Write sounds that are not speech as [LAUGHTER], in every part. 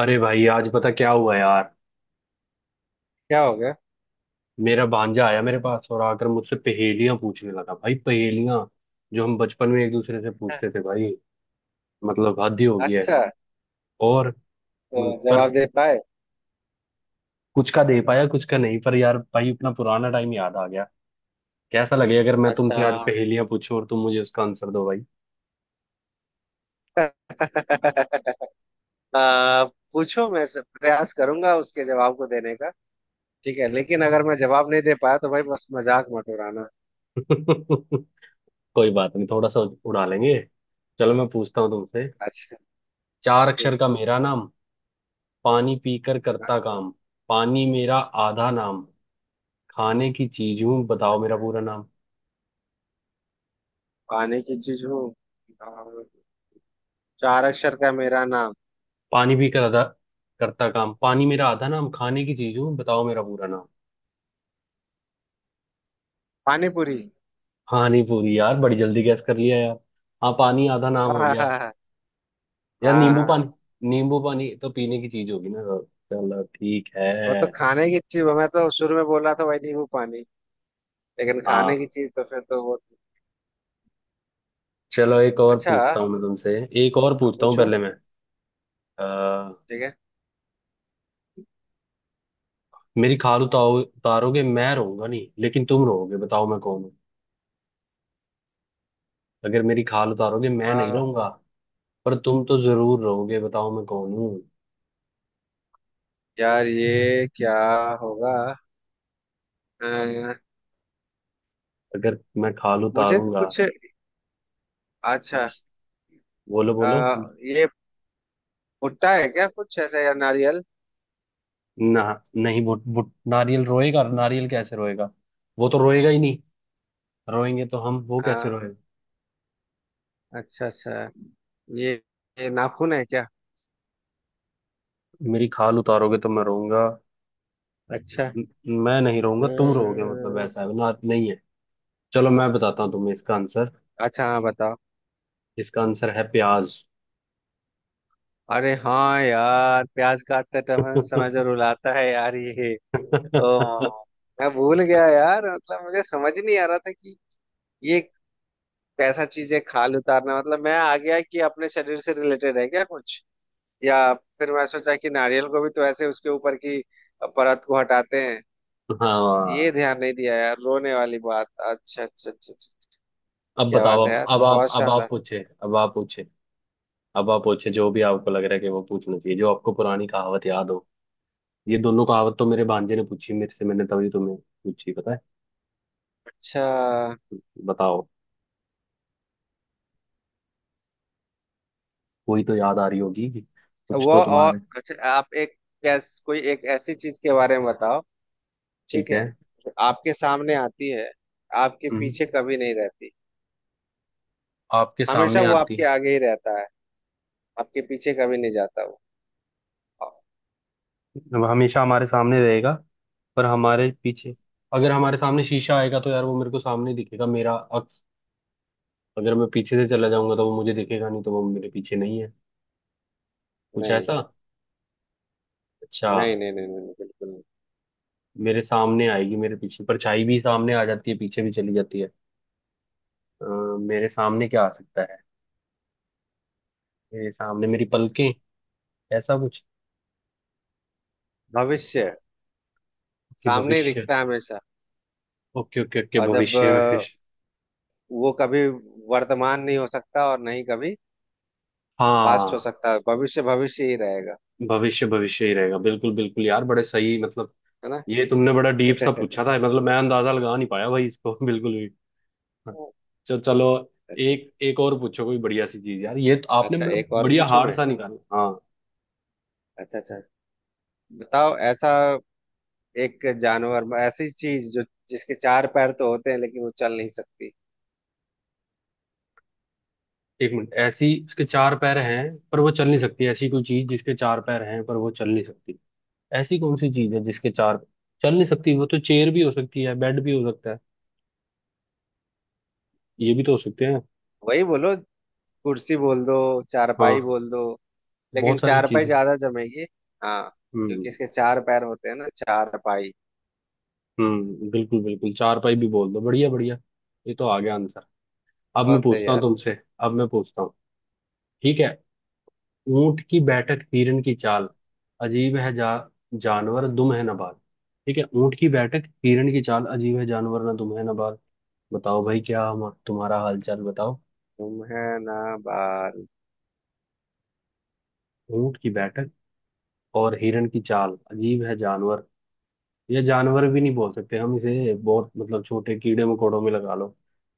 अरे भाई आज पता क्या हुआ यार। क्या हो गया। मेरा भांजा आया मेरे पास और आकर मुझसे पहेलियां पूछने लगा भाई, पहेलियां जो हम बचपन में एक दूसरे से पूछते थे भाई। मतलब हद ही हो गया है। अच्छा। और तो मतलब, पर जवाब दे पाए? कुछ का दे पाया कुछ का नहीं, पर यार भाई अपना पुराना टाइम याद आ गया। कैसा लगे अगर मैं अच्छा तुमसे आज [LAUGHS] पहेलियां पूछूं और तुम मुझे उसका आंसर दो भाई। हाँ। आ, पूछो, प्रयास करूंगा उसके जवाब को देने का। ठीक है, लेकिन अगर मैं जवाब नहीं दे पाया तो भाई बस मजाक मत उड़ाना। [LAUGHS] कोई बात नहीं, थोड़ा सा उड़ा लेंगे। चलो मैं पूछता हूँ तुमसे। अच्छा। चार अक्षर ठीक। का मेरा नाम, पानी पीकर करता हाँ, काम, पानी मेरा आधा नाम, खाने की चीज हूँ बताओ मेरा अच्छा। पूरा नाम। पानी की चीज हूँ और चार अक्षर का मेरा नाम। पानी भी करता करता काम, पानी मेरा आधा नाम, खाने की चीज हूँ बताओ मेरा पूरा नाम। पानी पूरी। हाँ, नहीं पूरी यार, बड़ी जल्दी गैस कर लिया यार। हाँ, पानी आधा नाम [LAUGHS] हो हाँ, गया। हाँ, यार नींबू हाँ, पानी, नींबू पानी तो पीने की चीज होगी ना। चलो ठीक है। वो तो खाने की चीज। मैं तो शुरू में बोल रहा था भाई नींबू पानी, लेकिन खाने की हाँ, चीज तो फिर तो वो। चलो एक और अच्छा, पूछता हूँ मैं तुमसे। एक और आप पूछता हूँ पूछो। पहले मैं। आ, ठीक मेरी खाल उतारो, उतारोगे मैं रहूंगा नहीं लेकिन तुम रहोगे, बताओ मैं कौन हूँ। अगर मेरी खाल उतारोगे मैं नहीं है। रहूंगा पर तुम तो जरूर रहोगे, बताओ मैं कौन हूँ। यार ये क्या होगा? अ, अगर मैं खाल मुझे तो उतारूंगा। कुछ। अच्छा। बोलो बोलो। ये भुट्टा है क्या, कुछ ऐसा या नारियल? ना, नहीं बुट बुट नारियल रोएगा, नारियल कैसे रोएगा। वो तो रोएगा ही नहीं। रोएंगे तो हम, वो कैसे हाँ। रोएगा। अच्छा अच्छा। ये, ये नाखून है क्या? मेरी खाल उतारोगे तो मैं रोऊंगा। अच्छा। न- मैं नहीं अ, रोऊंगा, तुम रोओगे, मतलब वैसा है ना, नहीं है। चलो मैं बताता हूँ तुम्हें इसका आंसर। अच्छा हाँ, बताओ। इसका आंसर है प्याज। अरे हाँ यार, प्याज काटते समय समय जो रुलाता है यार ये। ओ, [LAUGHS] मैं भूल गया यार, मतलब मुझे समझ ही नहीं आ रहा था कि ये कैसा चीज है। खाल उतारना मतलब मैं आ गया कि अपने शरीर से रिलेटेड है क्या कुछ, या फिर मैं सोचा कि नारियल को भी तो ऐसे उसके ऊपर की परत को हटाते हैं। ये हाँ, ध्यान नहीं दिया यार रोने वाली बात। अच्छा अच्छा अच्छा अच्छा अच्छा। अब क्या बताओ। बात है यार, बहुत अब आप शानदार। पूछे अब आप पूछे अब आप पूछे जो भी आपको लग रहा है कि वो पूछना चाहिए, जो आपको पुरानी कहावत याद हो। ये दोनों कहावत तो मेरे भांजे ने पूछी मेरे से, मैंने तभी तुम्हें पूछी पता है। अच्छा। बताओ, कोई तो याद आ रही होगी, कुछ वो तो और तुम्हारे। अच्छा, आप एक, कैस कोई एक ऐसी चीज के बारे में बताओ, ठीक ठीक है। है, जो आपके सामने आती है, आपके हम्म, पीछे कभी नहीं रहती। आपके हमेशा सामने वो आती। आपके आगे ही रहता है, आपके पीछे कभी नहीं जाता वो। वो हमेशा हमारे सामने रहेगा पर हमारे पीछे, अगर हमारे सामने शीशा आएगा तो यार वो मेरे को सामने ही दिखेगा मेरा अक्स। अगर मैं पीछे से चला जाऊंगा तो वो मुझे दिखेगा नहीं, तो वो मेरे पीछे नहीं है। कुछ नहीं ऐसा। अच्छा। नहीं नहीं नहीं नहीं, नहीं बिल्कुल नहीं। मेरे सामने आएगी, मेरे पीछे परछाई भी सामने आ जाती है, पीछे भी चली जाती है। अ, मेरे सामने क्या आ सकता है। मेरे सामने मेरी पलकें, ऐसा कुछ। भविष्य कि सामने ही भविष्य। दिखता है हमेशा। ओके ओके ओके, और जब भविष्य में। वो कभी वर्तमान नहीं हो सकता, और नहीं कभी पास्ट हो हाँ, सकता, भविष्य भविष्य ही रहेगा। भविष्य भविष्य ही रहेगा, बिल्कुल बिल्कुल यार, बड़े सही मतलब। है ना? ये तुमने बड़ा डीप सा [LAUGHS] पूछा था, मतलब मैं अंदाजा लगा नहीं पाया भाई इसको [LAUGHS] बिल्कुल भी। चल चलो, अच्छा। एक एक और पूछो कोई बढ़िया सी चीज यार। ये तो आपने अच्छा, मतलब एक और बढ़िया पूछूं हार्ड मैं? सा निकाला। हाँ, अच्छा अच्छा। बताओ ऐसा एक जानवर, ऐसी चीज जो, जिसके चार पैर तो होते हैं लेकिन वो चल नहीं सकती। एक मिनट, ऐसी उसके चार पैर हैं पर वो चल नहीं सकती। ऐसी कोई चीज जिसके चार पैर हैं पर वो चल नहीं सकती। ऐसी कौन सी चीज है जिसके चार, चल नहीं सकती। वो तो चेयर भी हो सकती है, बेड भी हो सकता है, ये भी तो हो सकते हैं। वही बोलो, कुर्सी बोल दो, चारपाई हाँ, बोल दो। लेकिन बहुत सारी चारपाई चीजें। ज्यादा जमेगी। हाँ। हम्म। क्योंकि इसके चार पैर होते हैं ना चारपाई। हम्म, बिल्कुल बिल्कुल, चार पाई भी बोल दो, बढ़िया बढ़िया। ये तो आ गया आंसर। अब मैं बहुत सही पूछता हूँ यार। तुमसे। अब मैं पूछता हूँ, ठीक है। ऊंट की बैठक हिरन की चाल, अजीब है जा जानवर दुम है ना बाल। ठीक है, ऊंट की बैठक हिरन की चाल, अजीब है जानवर ना दुम है ना बाल। बताओ भाई, क्या हम तुम्हारा हाल चाल बताओ। तुम है ना बार। ऊंट की बैठक और हिरन की चाल, अजीब है जानवर। ये जानवर भी नहीं, बोल सकते हम इसे, बहुत मतलब छोटे कीड़े मकोड़ों में लगा लो।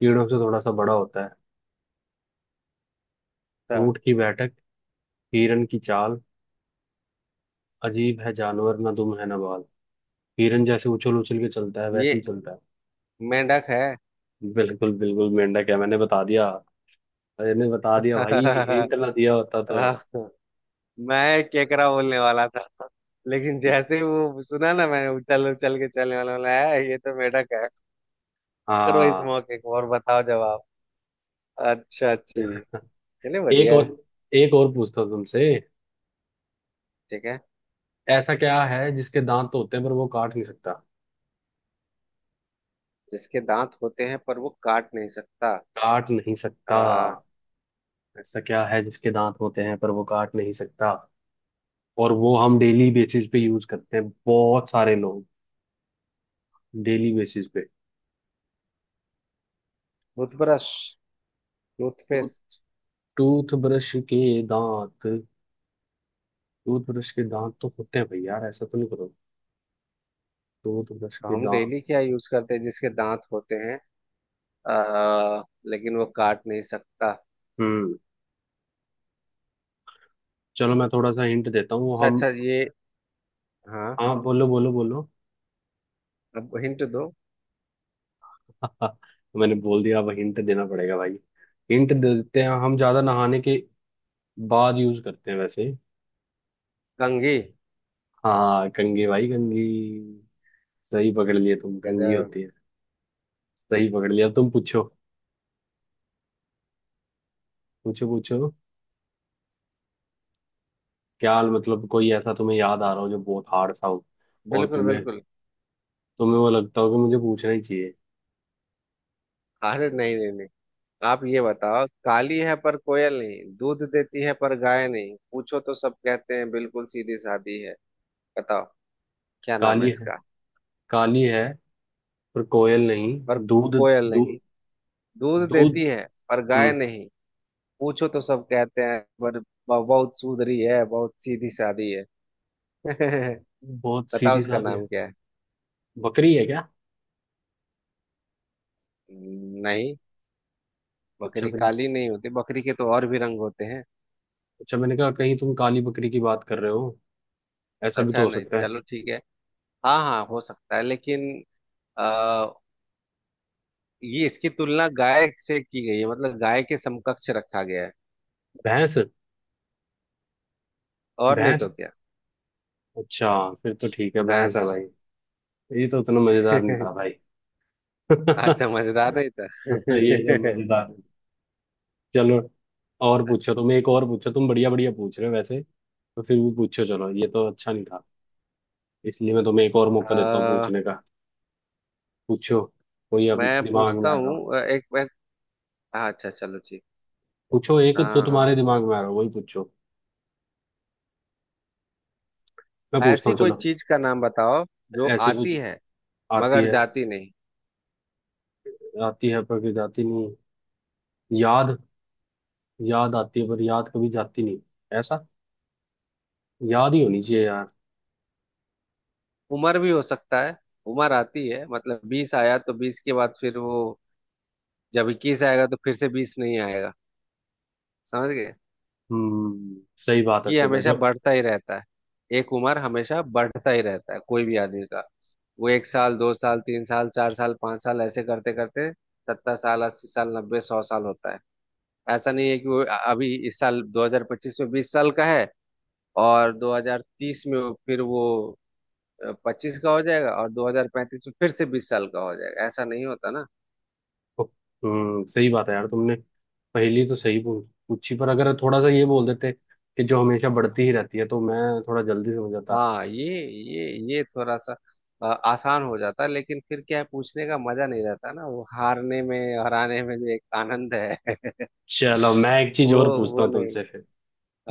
कीड़ों से थोड़ा सा बड़ा होता है। अच्छा, ऊंट की बैठक हिरन की चाल, अजीब है जानवर ना दुम है ना बाल। हिरन जैसे उछल उछल के चलता है वैसे ही ये चलता मेंढक है। है। बिल्कुल बिल्कुल मेंढक है, मैंने बता दिया। मैंने बता दिया भाई, हिंट [LAUGHS] ना दिया होता तो। मैं केकड़ा बोलने वाला था, लेकिन जैसे ही वो सुना ना मैंने उछल उछल के चलने वाला बोला है, ये तो मेढक है। करो इस हाँ, मौके को और बताओ जवाब। अच्छा जी, चलिए एक बढ़िया है। और, एक और पूछता हूँ तुमसे। ठीक है, ऐसा क्या है जिसके दांत होते हैं पर वो काट नहीं सकता। जिसके दांत होते हैं पर वो काट नहीं सकता। काट नहीं सकता। आ ऐसा क्या है जिसके दांत होते हैं पर वो काट नहीं सकता, और वो हम डेली बेसिस पे यूज करते हैं बहुत सारे लोग, डेली बेसिस पे। टूथब्रश, तो टूथपेस्ट। टूथब्रश के दांत, टूथब्रश के दांत तो होते हैं भाई, यार ऐसा तो नहीं करो। टूथब्रश तो के हम दांत। डेली क्या यूज करते हैं जिसके दांत होते हैं, आ, लेकिन वो काट नहीं सकता? हम्म, चलो मैं थोड़ा सा हिंट देता हूँ अच्छा हम। अच्छा, ये। हाँ, हाँ बोलो बोलो बोलो। अब हिंट दो। [LAUGHS] मैंने बोल दिया अब हिंट देना पड़ेगा भाई। हिंट देते हैं, हम ज्यादा नहाने के बाद यूज करते हैं वैसे। कंघी। हाँ कंघी भाई, कंघी। सही पकड़ लिए तुम, कंघी गजब। होती है। सही पकड़ लिया, अब तुम पूछो। पूछो पूछो। क्या मतलब कोई ऐसा तुम्हें याद आ रहा हो जो बहुत हार्ड सा हो, और बिल्कुल तुम्हें, बिल्कुल। तुम्हें वो लगता हो कि मुझे पूछना ही चाहिए। अरे नहीं नहीं नहीं, आप ये बताओ: काली है पर कोयल नहीं, दूध देती है पर गाय नहीं, पूछो तो सब कहते हैं बिल्कुल सीधी सादी है। बताओ क्या नाम है काली है, इसका? काली है पर कोयल पर नहीं, दूध कोयल नहीं, दूध दूध दूध। देती है पर गाय हम्म। नहीं, पूछो तो सब कहते हैं पर बहुत सुधरी है, बहुत सीधी सादी है। [LAUGHS] बहुत बताओ सीधी उसका सादी है। नाम क्या है? बकरी है क्या। नहीं, अच्छा बकरी फिर, काली नहीं होती, बकरी के तो और भी रंग होते हैं। अच्छा मैंने कहा कहीं तुम काली बकरी की बात कर रहे हो, ऐसा भी तो अच्छा हो नहीं, सकता है। चलो ठीक है। हाँ हाँ, हो सकता है, लेकिन ये इसकी तुलना गाय से की गई है, मतलब गाय के समकक्ष रखा गया है। भैंस। और नहीं भैंस, तो क्या? अच्छा, फिर तो ठीक है, भैंस भैंस। है भाई। ये तो उतना मजेदार नहीं था भाई। [LAUGHS] अच्छा, [LAUGHS] मजेदार नहीं था। ये सब मजेदार है। चलो, और पूछो तुम, एक और पूछो तुम, बढ़िया बढ़िया पूछ रहे हो वैसे, तो फिर भी पूछो। चलो ये तो अच्छा नहीं था, इसलिए मैं तुम्हें एक और [LAUGHS] मौका अ देता हूँ पूछने का। पूछो, कोई अब मैं दिमाग में पूछता आ रहा हो। हूँ, एक मैं। हाँ, अच्छा चलो ठीक। पूछो एक जो हाँ। तुम्हारे दिमाग में आ रहा हो वही पूछो। मैं पूछता ऐसी हूँ कोई चलो। चीज का नाम बताओ जो ऐसी आती कुछ है आती मगर है, जाती नहीं। आती है पर कभी जाती नहीं। याद, याद आती है पर याद कभी जाती नहीं, ऐसा। याद ही होनी चाहिए यार। उम्र भी हो सकता है, उम्र आती है मतलब 20 आया तो 20 के बाद फिर वो, जब 21 आएगा तो फिर से 20 नहीं आएगा। समझ गए? हम्म, सही बात है, ये सही बात हमेशा जो। बढ़ता ही रहता है। एक उम्र हमेशा बढ़ता ही रहता है कोई भी आदमी का। वो 1 साल, 2 साल, 3 साल, 4 साल, 5 साल ऐसे करते करते 70 साल, 80 साल, 90, 100 साल होता है। ऐसा नहीं है कि वो अभी इस साल 2025 में 20 साल का है, और 2030 में फिर वो 25 का हो जाएगा और 2035 में फिर से 20 साल का हो जाएगा, ऐसा नहीं होता ना। हम्म, सही बात है यार, तुमने पहली तो सही पूछी, पर अगर थोड़ा सा ये बोल देते कि जो हमेशा बढ़ती ही रहती है, तो मैं थोड़ा जल्दी समझ जाता। हाँ, ये ये थोड़ा सा आसान हो जाता है, लेकिन फिर क्या है, पूछने का मजा नहीं रहता ना, वो हारने में, हराने में जो एक आनंद है। [LAUGHS] चलो मैं एक चीज वो और पूछता वो हूँ नहीं। तुमसे फिर,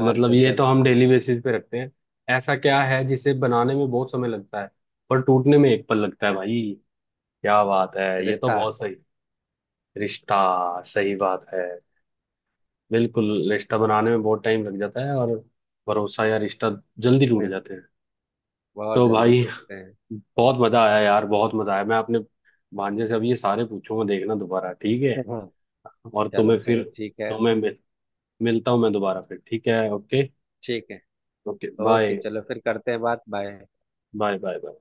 मतलब अच्छा ये तो चलो। हम डेली बेसिस पे रखते हैं। ऐसा क्या है जिसे बनाने में बहुत समय लगता है पर टूटने में एक पल लगता है अच्छा। भाई। क्या बात है, ये तो रिश्ता। बहुत सही। रिश्ता, सही बात है, बिल्कुल, रिश्ता बनाने में बहुत टाइम लग जाता है और भरोसा या रिश्ता जल्दी टूट इतने जाते हैं। बहुत तो जल्दी भाई, टूटते हैं। बहुत मजा आया यार, बहुत मजा आया। मैं अपने भांजे से अब ये सारे पूछूंगा देखना दोबारा, ठीक है। हाँ, और चलो तुम्हें चलो फिर, ठीक है। तुम्हें मिल, मिलता हूँ मैं दोबारा फिर, ठीक है, ओके। ठीक है। Okay okay, bye. चलो फिर करते हैं बात। बाय। Bye bye bye.